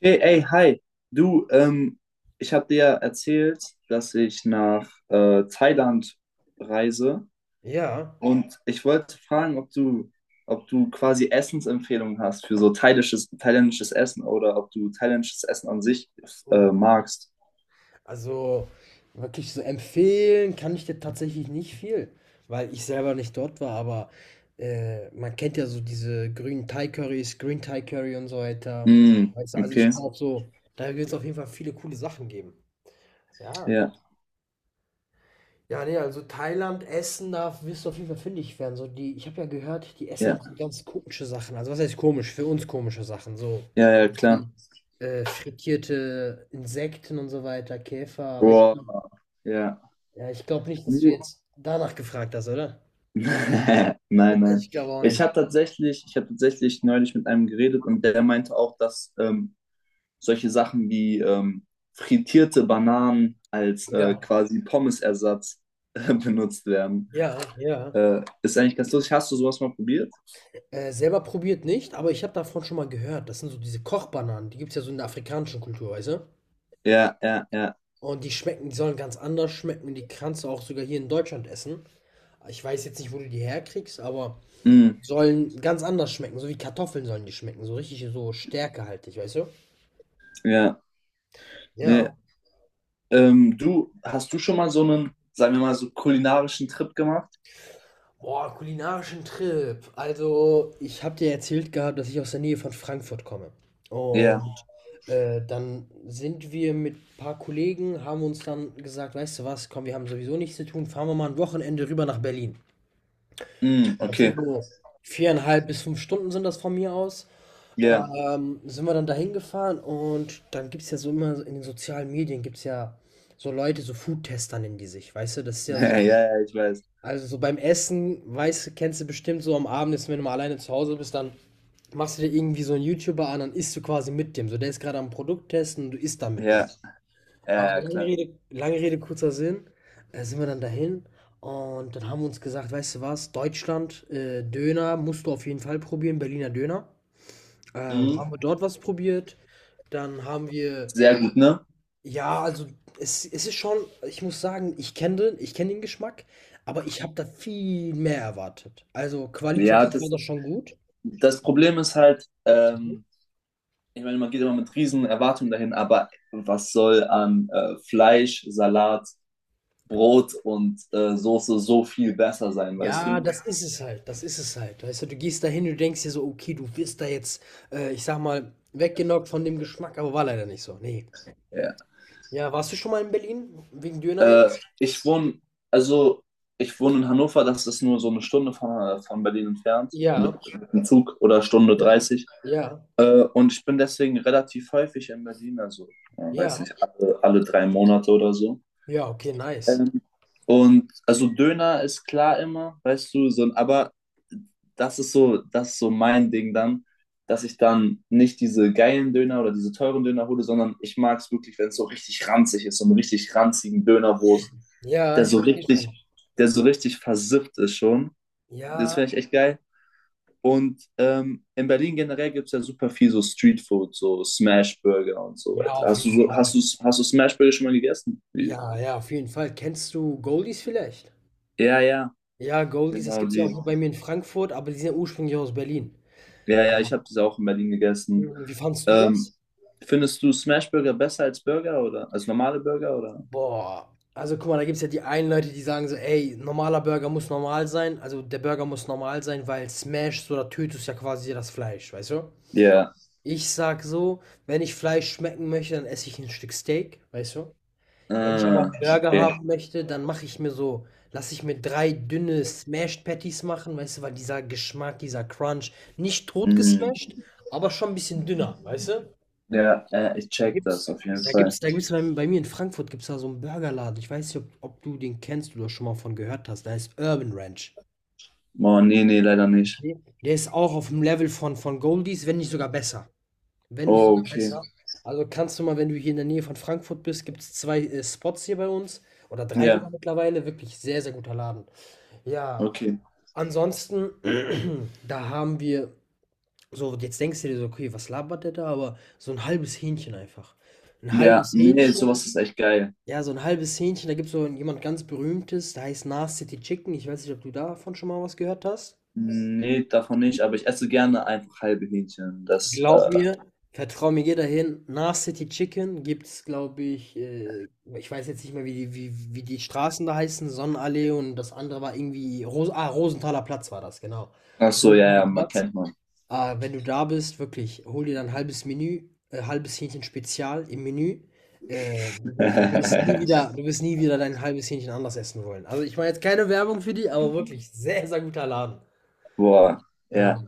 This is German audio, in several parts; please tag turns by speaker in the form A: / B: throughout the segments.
A: Hey, ey, hi. Du, ich habe dir ja erzählt, dass ich nach Thailand reise
B: Ja,
A: und ich wollte fragen, ob du quasi Essensempfehlungen hast für so thailändisches Essen oder ob du thailändisches Essen an sich magst.
B: also wirklich so empfehlen kann ich dir tatsächlich nicht viel, weil ich selber nicht dort war, aber man kennt ja so diese grünen Thai-Currys, Green Thai Curry und so weiter.
A: Mm,
B: Weißt du, also ich
A: okay.
B: glaube so, da wird es auf jeden Fall viele coole Sachen geben. Ja.
A: Ja,
B: Ja, ne, also Thailand, Essen, da wirst du auf jeden Fall fündig werden. So die, ich habe ja gehört, die essen
A: ja,
B: auch so ganz komische Sachen. Also was heißt komisch? Für uns komische Sachen. So
A: ja, ja, klar.
B: wie frittierte Insekten und so weiter, Käfer.
A: Boah, ja.
B: Ja, ich glaube nicht, dass du
A: Nee.
B: jetzt danach gefragt hast, oder?
A: Nein, nein.
B: Ich glaube auch nicht.
A: Ich habe tatsächlich neulich mit einem geredet, und der meinte auch, dass solche Sachen wie frittierte Bananen als
B: Ja,
A: quasi Pommesersatz benutzt werden.
B: ja, ja.
A: Ist eigentlich ganz lustig. Hast du sowas mal probiert?
B: Selber probiert nicht, aber ich habe davon schon mal gehört. Das sind so diese Kochbananen. Die gibt es ja so in der afrikanischen Kultur, weißt du?
A: Ja, ja, ja.
B: Und die schmecken, die sollen ganz anders schmecken. Die kannst du auch sogar hier in Deutschland essen. Ich weiß jetzt nicht, wo du die herkriegst, aber
A: Mm,
B: sollen ganz anders schmecken. So wie Kartoffeln sollen die schmecken. So richtig so stärkehaltig, weißt du?
A: ja. Nee.
B: Ja.
A: Du, hast du schon mal so einen, sagen wir mal, so kulinarischen Trip gemacht?
B: Boah, kulinarischen Trip. Also, ich habe dir erzählt gehabt, dass ich aus der Nähe von Frankfurt komme.
A: Ja.
B: Und dann sind wir mit ein paar Kollegen, haben uns dann gesagt, weißt du was, komm, wir haben sowieso nichts zu tun, fahren wir mal ein Wochenende rüber nach Berlin.
A: Mm,
B: Das sind
A: okay.
B: so 4,5 bis 5 Stunden sind das von mir aus.
A: Ja.
B: Sind wir dann dahin gefahren und dann gibt es ja so immer so in den sozialen Medien gibt es ja so Leute, so Foodtester nennen die sich, weißt du, das ist ja so
A: Ja,
B: schon.
A: ja, ich weiß.
B: Also so beim Essen, weißt du, kennst du bestimmt so am Abend, ist, wenn du mal alleine zu Hause bist, dann machst du dir irgendwie so einen YouTuber an, dann isst du quasi mit dem. So, der ist gerade am Produkt testen und du isst dann mit dem.
A: Ja, ja,
B: Ah,
A: ja, klar.
B: Lange Rede, kurzer Sinn. Sind wir dann dahin und dann haben wir uns gesagt, weißt du was, Deutschland, Döner musst du auf jeden Fall probieren, Berliner Döner.
A: Mhm.
B: Haben wir dort was probiert. Dann haben wir,
A: Sehr gut, ne?
B: ja, also es ist schon, ich muss sagen, ich kenne den Geschmack, aber ich habe da viel mehr erwartet. Also
A: Ja,
B: qualitativ war das schon gut.
A: das Problem ist halt, ich meine, man geht immer mit riesen Erwartungen dahin, aber was soll an Fleisch, Salat, Brot und Soße so viel besser sein, weißt
B: Ja,
A: du?
B: das ist es halt, das ist es halt. Weißt du, du gehst da hin, du denkst dir so, okay, du wirst da jetzt, ich sag mal, weggenockt von dem Geschmack, aber war leider nicht so. Nee.
A: Ja.
B: Ja, warst du schon mal in Berlin wegen Döner
A: Äh,
B: jetzt?
A: ich wohne, also ich wohne in Hannover, das ist nur so 1 Stunde von Berlin entfernt,
B: Ja,
A: mit dem Zug, oder Stunde
B: ja,
A: 30.
B: ja,
A: Und ich bin deswegen relativ häufig in Berlin, also, weiß
B: ja.
A: nicht, alle 3 Monate oder so.
B: Ja, okay, nice.
A: Ähm, und also Döner ist klar immer, weißt du, so, aber das ist so mein Ding dann, dass ich dann nicht diese geilen Döner oder diese teuren Döner hole, sondern ich mag es wirklich, wenn es so richtig ranzig ist, so einen richtig ranzigen Dönerwurst,
B: Ja,
A: der
B: ich
A: so
B: verstehe
A: richtig,
B: schon.
A: der so richtig versifft ist schon. Das
B: Ja,
A: finde ich echt geil. Und in Berlin generell gibt es ja super viel so Streetfood, so Smashburger und so
B: Ja,
A: weiter.
B: auf
A: Hast du
B: jeden
A: so,
B: Fall.
A: hast du Smashburger schon mal gegessen?
B: Ja, ja, auf jeden Fall. Kennst du Goldies vielleicht?
A: Ja, ja,
B: Ja, Goldies, das
A: genau
B: gibt's ja auch
A: die.
B: hier bei mir in Frankfurt, aber die sind ja ursprünglich aus Berlin.
A: Ja, ja, ich habe das auch in Berlin gegessen.
B: Mhm, wie fandst du das?
A: Ähm, Findest du Smashburger besser als Burger oder als normale Burger oder?
B: Boah, also guck mal, da gibt's ja die einen Leute, die sagen so, ey, normaler Burger muss normal sein, also der Burger muss normal sein, weil smashst oder tötest ja quasi das Fleisch, weißt du?
A: Ja.
B: Ich sag so, wenn ich Fleisch schmecken möchte, dann esse ich ein Stück Steak, weißt du? Wenn ich aber
A: Ah,
B: 'n Burger
A: okay.
B: haben möchte, dann mache ich mir so lasse ich mir 3 dünne Smashed Patties machen, weißt du, weil dieser Geschmack, dieser Crunch, nicht tot
A: Mhm.
B: gesmashed, aber schon ein bisschen dünner, weißt du?
A: Ja, ich
B: Da
A: check das
B: gibt's
A: auf jeden
B: da
A: Fall.
B: gibt's da gibt's bei mir in Frankfurt gibt's da so einen Burgerladen. Ich weiß nicht, ob du den kennst oder schon mal von gehört hast. Da ist Urban Ranch.
A: Oh, nee, nee, leider nicht.
B: Okay? Der ist auch auf dem Level von Goldies, wenn nicht sogar besser. Wenn nicht
A: Oh,
B: sogar
A: okay.
B: besser. Also kannst du mal, wenn du hier in der Nähe von Frankfurt bist, gibt es zwei Spots hier bei uns oder drei sogar
A: Ja,
B: mittlerweile. Wirklich sehr, sehr guter Laden. Ja,
A: okay.
B: ansonsten, da haben wir so, jetzt denkst du dir so, okay, was labert der da? Aber so ein halbes Hähnchen einfach. Ein
A: Ja,
B: halbes
A: nee,
B: Hähnchen.
A: sowas ist echt geil.
B: Ja, so ein halbes Hähnchen. Da gibt es so jemand ganz Berühmtes, der heißt Nas City Chicken. Ich weiß nicht, ob du davon schon mal was gehört hast.
A: Nee, davon nicht, aber ich esse gerne einfach halbe Hähnchen.
B: Glaub mir, vertrau mir, geh dahin. Nach City Chicken gibt's, glaube ich, ich weiß jetzt nicht mehr, wie die Straßen da heißen, Sonnenallee und das andere war irgendwie, Rosenthaler Platz war das, genau.
A: Ach so, ja,
B: Rosenthaler
A: ja, man
B: Platz.
A: kennt man.
B: Ah, wenn du da bist, wirklich, hol dir dann ein halbes Menü, halbes Hähnchen Spezial im Menü. Du wirst nie wieder, du wirst nie wieder dein halbes Hähnchen anders essen wollen. Also ich mache jetzt keine Werbung für die, aber wirklich sehr, sehr guter Laden.
A: Boah,
B: Ja.
A: ja.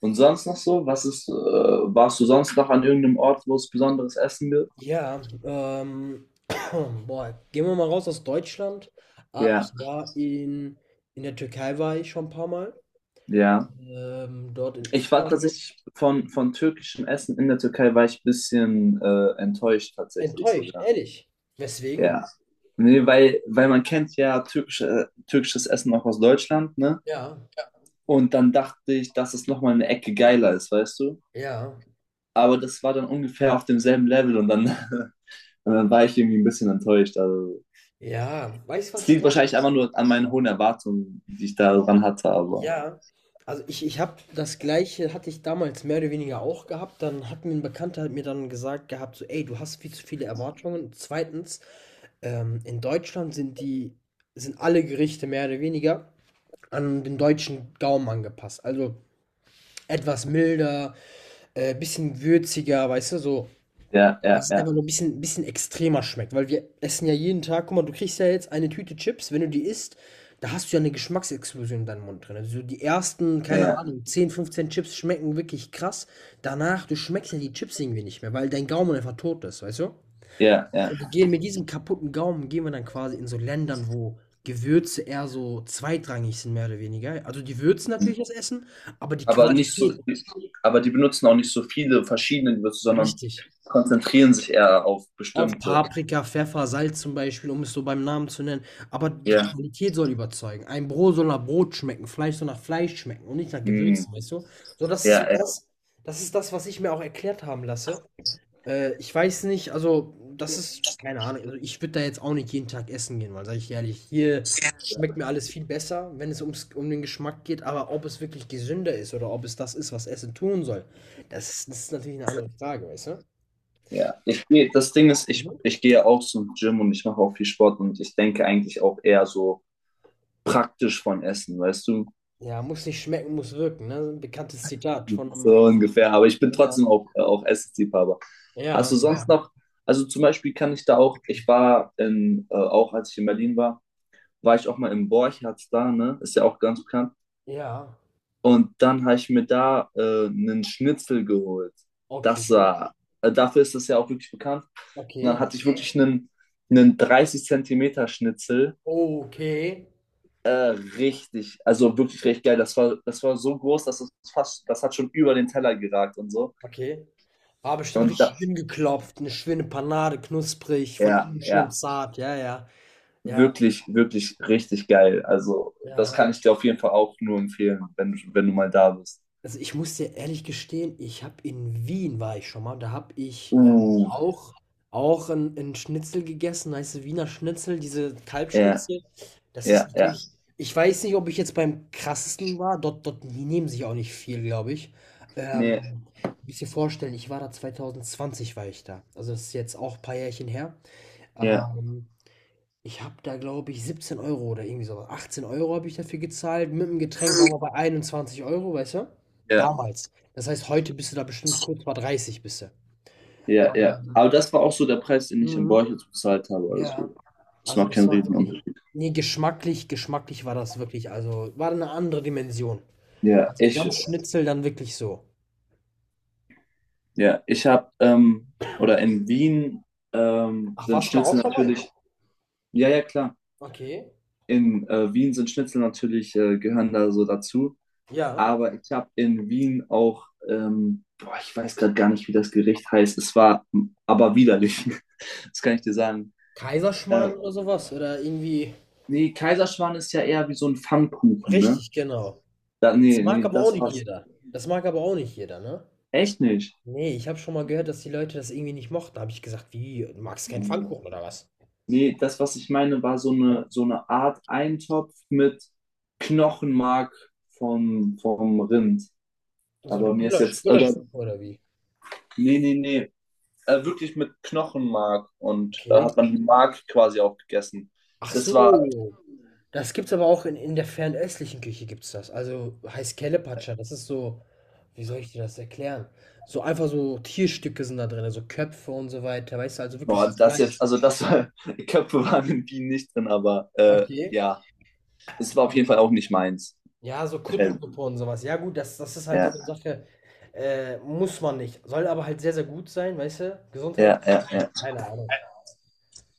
A: Und sonst noch so? Warst du sonst noch an irgendeinem Ort, wo es besonderes Essen gibt?
B: Ja, boah, gehen wir mal raus aus Deutschland. Ah,
A: Ja.
B: ich war in, der Türkei war ich schon ein paar Mal.
A: Ja.
B: Dort in
A: Ich war
B: Istanbul.
A: tatsächlich von türkischem Essen in der Türkei, war ich ein bisschen enttäuscht tatsächlich
B: Enttäuscht,
A: sogar.
B: ehrlich. Weswegen?
A: Ja. Nee, weil man kennt ja türkisches Essen auch aus Deutschland, ne?
B: Ja,
A: Und dann dachte ich, dass es nochmal eine Ecke geiler ist, weißt du?
B: ja,
A: Aber das war dann ungefähr auf demselben Level, und dann und dann war ich irgendwie ein bisschen enttäuscht. Also,
B: ja. Weißt du,
A: es
B: was die
A: liegt
B: Sache
A: wahrscheinlich
B: ist?
A: einfach nur an meinen hohen Erwartungen, die ich da dran hatte, aber
B: Ja. Also ich habe das Gleiche, hatte ich damals mehr oder weniger auch gehabt. Dann hat mir ein Bekannter hat mir dann gesagt gehabt, so, ey, du hast viel zu viele Erwartungen. Zweitens, in Deutschland sind alle Gerichte mehr oder weniger. An den deutschen Gaumen angepasst. Also etwas milder, bisschen würziger, weißt du, so,
A: ja,
B: dass
A: ja,
B: es
A: ja,
B: einfach nur ein bisschen extremer schmeckt. Weil wir essen ja jeden Tag, guck mal, du kriegst ja jetzt eine Tüte Chips, wenn du die isst, da hast du ja eine Geschmacksexplosion in deinem Mund drin. Also so die ersten, keine
A: ja,
B: Ahnung, 10, 15 Chips schmecken wirklich krass. Danach, du schmeckst ja die Chips irgendwie nicht mehr, weil dein Gaumen einfach tot ist, weißt du?
A: ja,
B: Und wir gehen mit diesem kaputten Gaumen gehen wir dann quasi in so Ländern, wo Gewürze eher so zweitrangig sind, mehr oder weniger. Also, die würzen
A: ja.
B: natürlich das Essen, aber die
A: Aber nicht so,
B: Qualität
A: aber die benutzen auch nicht so viele verschiedene Gewürze, sondern
B: richtig.
A: konzentrieren sich eher auf
B: Auf
A: bestimmte.
B: Paprika, Pfeffer, Salz zum Beispiel, um es so beim Namen zu nennen. Aber die
A: Ja,
B: Qualität soll überzeugen. Ein Brot soll nach Brot schmecken, Fleisch soll nach Fleisch schmecken und nicht nach
A: mm,
B: Gewürzen, weißt du? So, das ist so
A: ja, ja,
B: das, das ist das, was ich mir auch erklärt haben lasse. Ich weiß nicht, also das ist keine Ahnung. Also ich würde da jetzt auch nicht jeden Tag essen gehen, weil sage ich ehrlich, hier schmeckt mir alles viel besser, wenn es um den Geschmack geht. Aber ob es wirklich gesünder ist oder ob es das ist, was Essen tun soll, das ist natürlich eine andere Frage, weißt du?
A: ja. Das Ding ist, ich,
B: Mhm.
A: ich gehe auch zum Gym, und ich mache auch viel Sport, und ich denke eigentlich auch eher so praktisch von Essen, weißt du?
B: Ja, muss nicht schmecken, muss wirken, ne? Ein bekanntes Zitat von einem.
A: So ungefähr, aber ich bin
B: Ja,
A: trotzdem auch, auch Essensliebhaber. Hast
B: ja,
A: du sonst
B: ja.
A: noch, also zum Beispiel kann ich da auch, auch als ich in Berlin war, war ich auch mal im Borchertz da, ne? Ist ja auch ganz bekannt.
B: Ja.
A: Und dann habe ich mir da einen Schnitzel geholt.
B: Okay,
A: Das war, Dafür ist das ja auch wirklich bekannt. Und dann
B: okay,
A: hatte ich wirklich einen 30 Zentimeter Schnitzel.
B: okay,
A: Äh, Richtig, also wirklich recht geil. Das war so groß, das hat schon über den Teller geragt und so.
B: okay. War bestimmt
A: Und da,
B: richtig dünn geklopft, eine schöne Panade, knusprig, von
A: Ja,
B: innen schön
A: ja.
B: zart, ja, ja. Ja,
A: Wirklich, wirklich richtig geil. Also, das
B: ja.
A: kann ich dir auf jeden Fall auch nur empfehlen, wenn du mal da bist.
B: Also ich muss dir ehrlich gestehen, ich habe in Wien war ich schon mal und da habe ich
A: Uh,
B: auch, auch ein Schnitzel gegessen, heißt Wiener Schnitzel, diese
A: ja,
B: Kalbschnitzel. Das ist
A: ja, ja.
B: natürlich, ich weiß nicht, ob ich jetzt beim krassesten war, dort, die nehmen sich auch nicht viel, glaube ich. Ähm,
A: Nee,
B: Du musst dir vorstellen, ich war da 2020, war ich da. Also das ist jetzt auch ein paar Jährchen her.
A: ja,
B: Ähm, Ich habe da, glaube ich, 17 Euro oder irgendwie so 18 Euro habe ich dafür gezahlt. Mit dem Getränk waren wir bei 21 Euro, weißt du?
A: ja,
B: Damals. Das heißt, heute bist du da bestimmt kurz vor 30, bist du.
A: ja, ja.
B: Ähm,
A: Aber das war auch so der Preis, den ich in
B: mhm,
A: Borchitz bezahlt habe.
B: ja,
A: Also, das
B: also
A: macht
B: das
A: keinen
B: war wirklich
A: Riesenunterschied.
B: ne, geschmacklich war das wirklich also, war eine andere Dimension.
A: Ja,
B: Also, wenn
A: ich,
B: Schnitzel, dann wirklich so.
A: ja, ich habe, oder in Wien
B: Ach,
A: sind
B: warst du da
A: Schnitzel
B: auch schon mal?
A: natürlich, ja, ja, klar.
B: Okay,
A: In Wien sind Schnitzel natürlich, gehören da so dazu.
B: ja.
A: Aber ich habe in Wien auch, boah, ich weiß gerade gar nicht, wie das Gericht heißt. Es war aber widerlich. Das kann ich dir sagen.
B: Kaiserschmarrn
A: Äh,
B: oder so was oder irgendwie
A: Nee, Kaiserschmarrn ist ja eher wie so ein Pfannkuchen, ne?
B: richtig, genau. Das
A: Nee,
B: mag
A: nee,
B: aber auch
A: das
B: nicht
A: war's.
B: jeder. Das mag aber auch nicht jeder, ne?
A: Echt nicht.
B: Nee, ich habe schon mal gehört, dass die Leute das irgendwie nicht mochten. Da habe ich gesagt, wie, du magst keinen
A: Nee,
B: Pfannkuchen oder was?
A: das, was ich meine, war so
B: Ja?
A: so eine Art Eintopf mit Knochenmark vom Rind.
B: So eine
A: Aber mir ist
B: Gulasch,
A: jetzt, oder,
B: Gulaschsuppe oder wie?
A: Nee, nee, nee, wirklich mit Knochenmark, und da
B: Okay.
A: hat man die Mark quasi auch gegessen.
B: Ach
A: Das war.
B: so. Das gibt's aber auch in, der fernöstlichen Küche gibt's das. Also heißt Kelepatscha, das ist so, wie soll ich dir das erklären? So einfach so Tierstücke sind da drin, so Köpfe und so weiter, weißt du, also wirklich so
A: Boah, das jetzt,
B: Fleisch.
A: also das war, die Köpfe waren in Bienen nicht drin, aber
B: Okay.
A: ja, es war auf jeden Fall auch nicht meins.
B: Ja, so
A: Äh,
B: Kuttelsuppe und sowas. Ja, gut, das ist halt so
A: Ja,
B: eine Sache, muss man nicht. Soll aber halt sehr, sehr gut sein, weißt du?
A: ja,
B: Gesundheitlich.
A: ja, ja.
B: Keine Ahnung.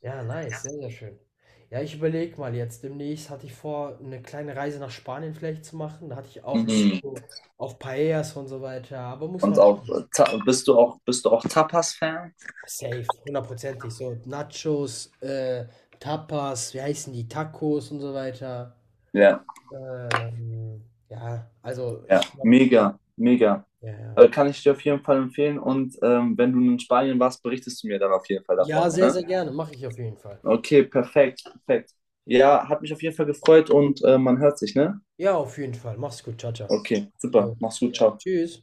B: Ja, nice, sehr, sehr schön. Ja, ich überlege mal jetzt. Demnächst hatte ich vor, eine kleine Reise nach Spanien vielleicht zu machen. Da hatte ich auch Lust
A: Mhm.
B: so auf Paellas und so weiter. Aber muss
A: Und
B: man schon
A: auch, Ta- bist du auch Tapas-Fan?
B: safe, hundertprozentig. So Nachos, Tapas, wie heißen die? Tacos und so weiter.
A: Ja,
B: Ja, also
A: ja,
B: ich glaube,
A: mega, mega.
B: ja, ja.
A: Kann ich dir auf jeden Fall empfehlen, und wenn du in Spanien warst, berichtest du mir dann auf jeden Fall
B: Ja,
A: davon,
B: sehr,
A: ne?
B: sehr gerne. Mache ich auf jeden Fall.
A: Okay, perfekt, perfekt. Ja, hat mich auf jeden Fall gefreut, und man hört sich, ne?
B: Ja, auf jeden Fall. Mach's gut. Ciao, ciao.
A: Okay, super,
B: Jo.
A: mach's gut, ciao.
B: Tschüss.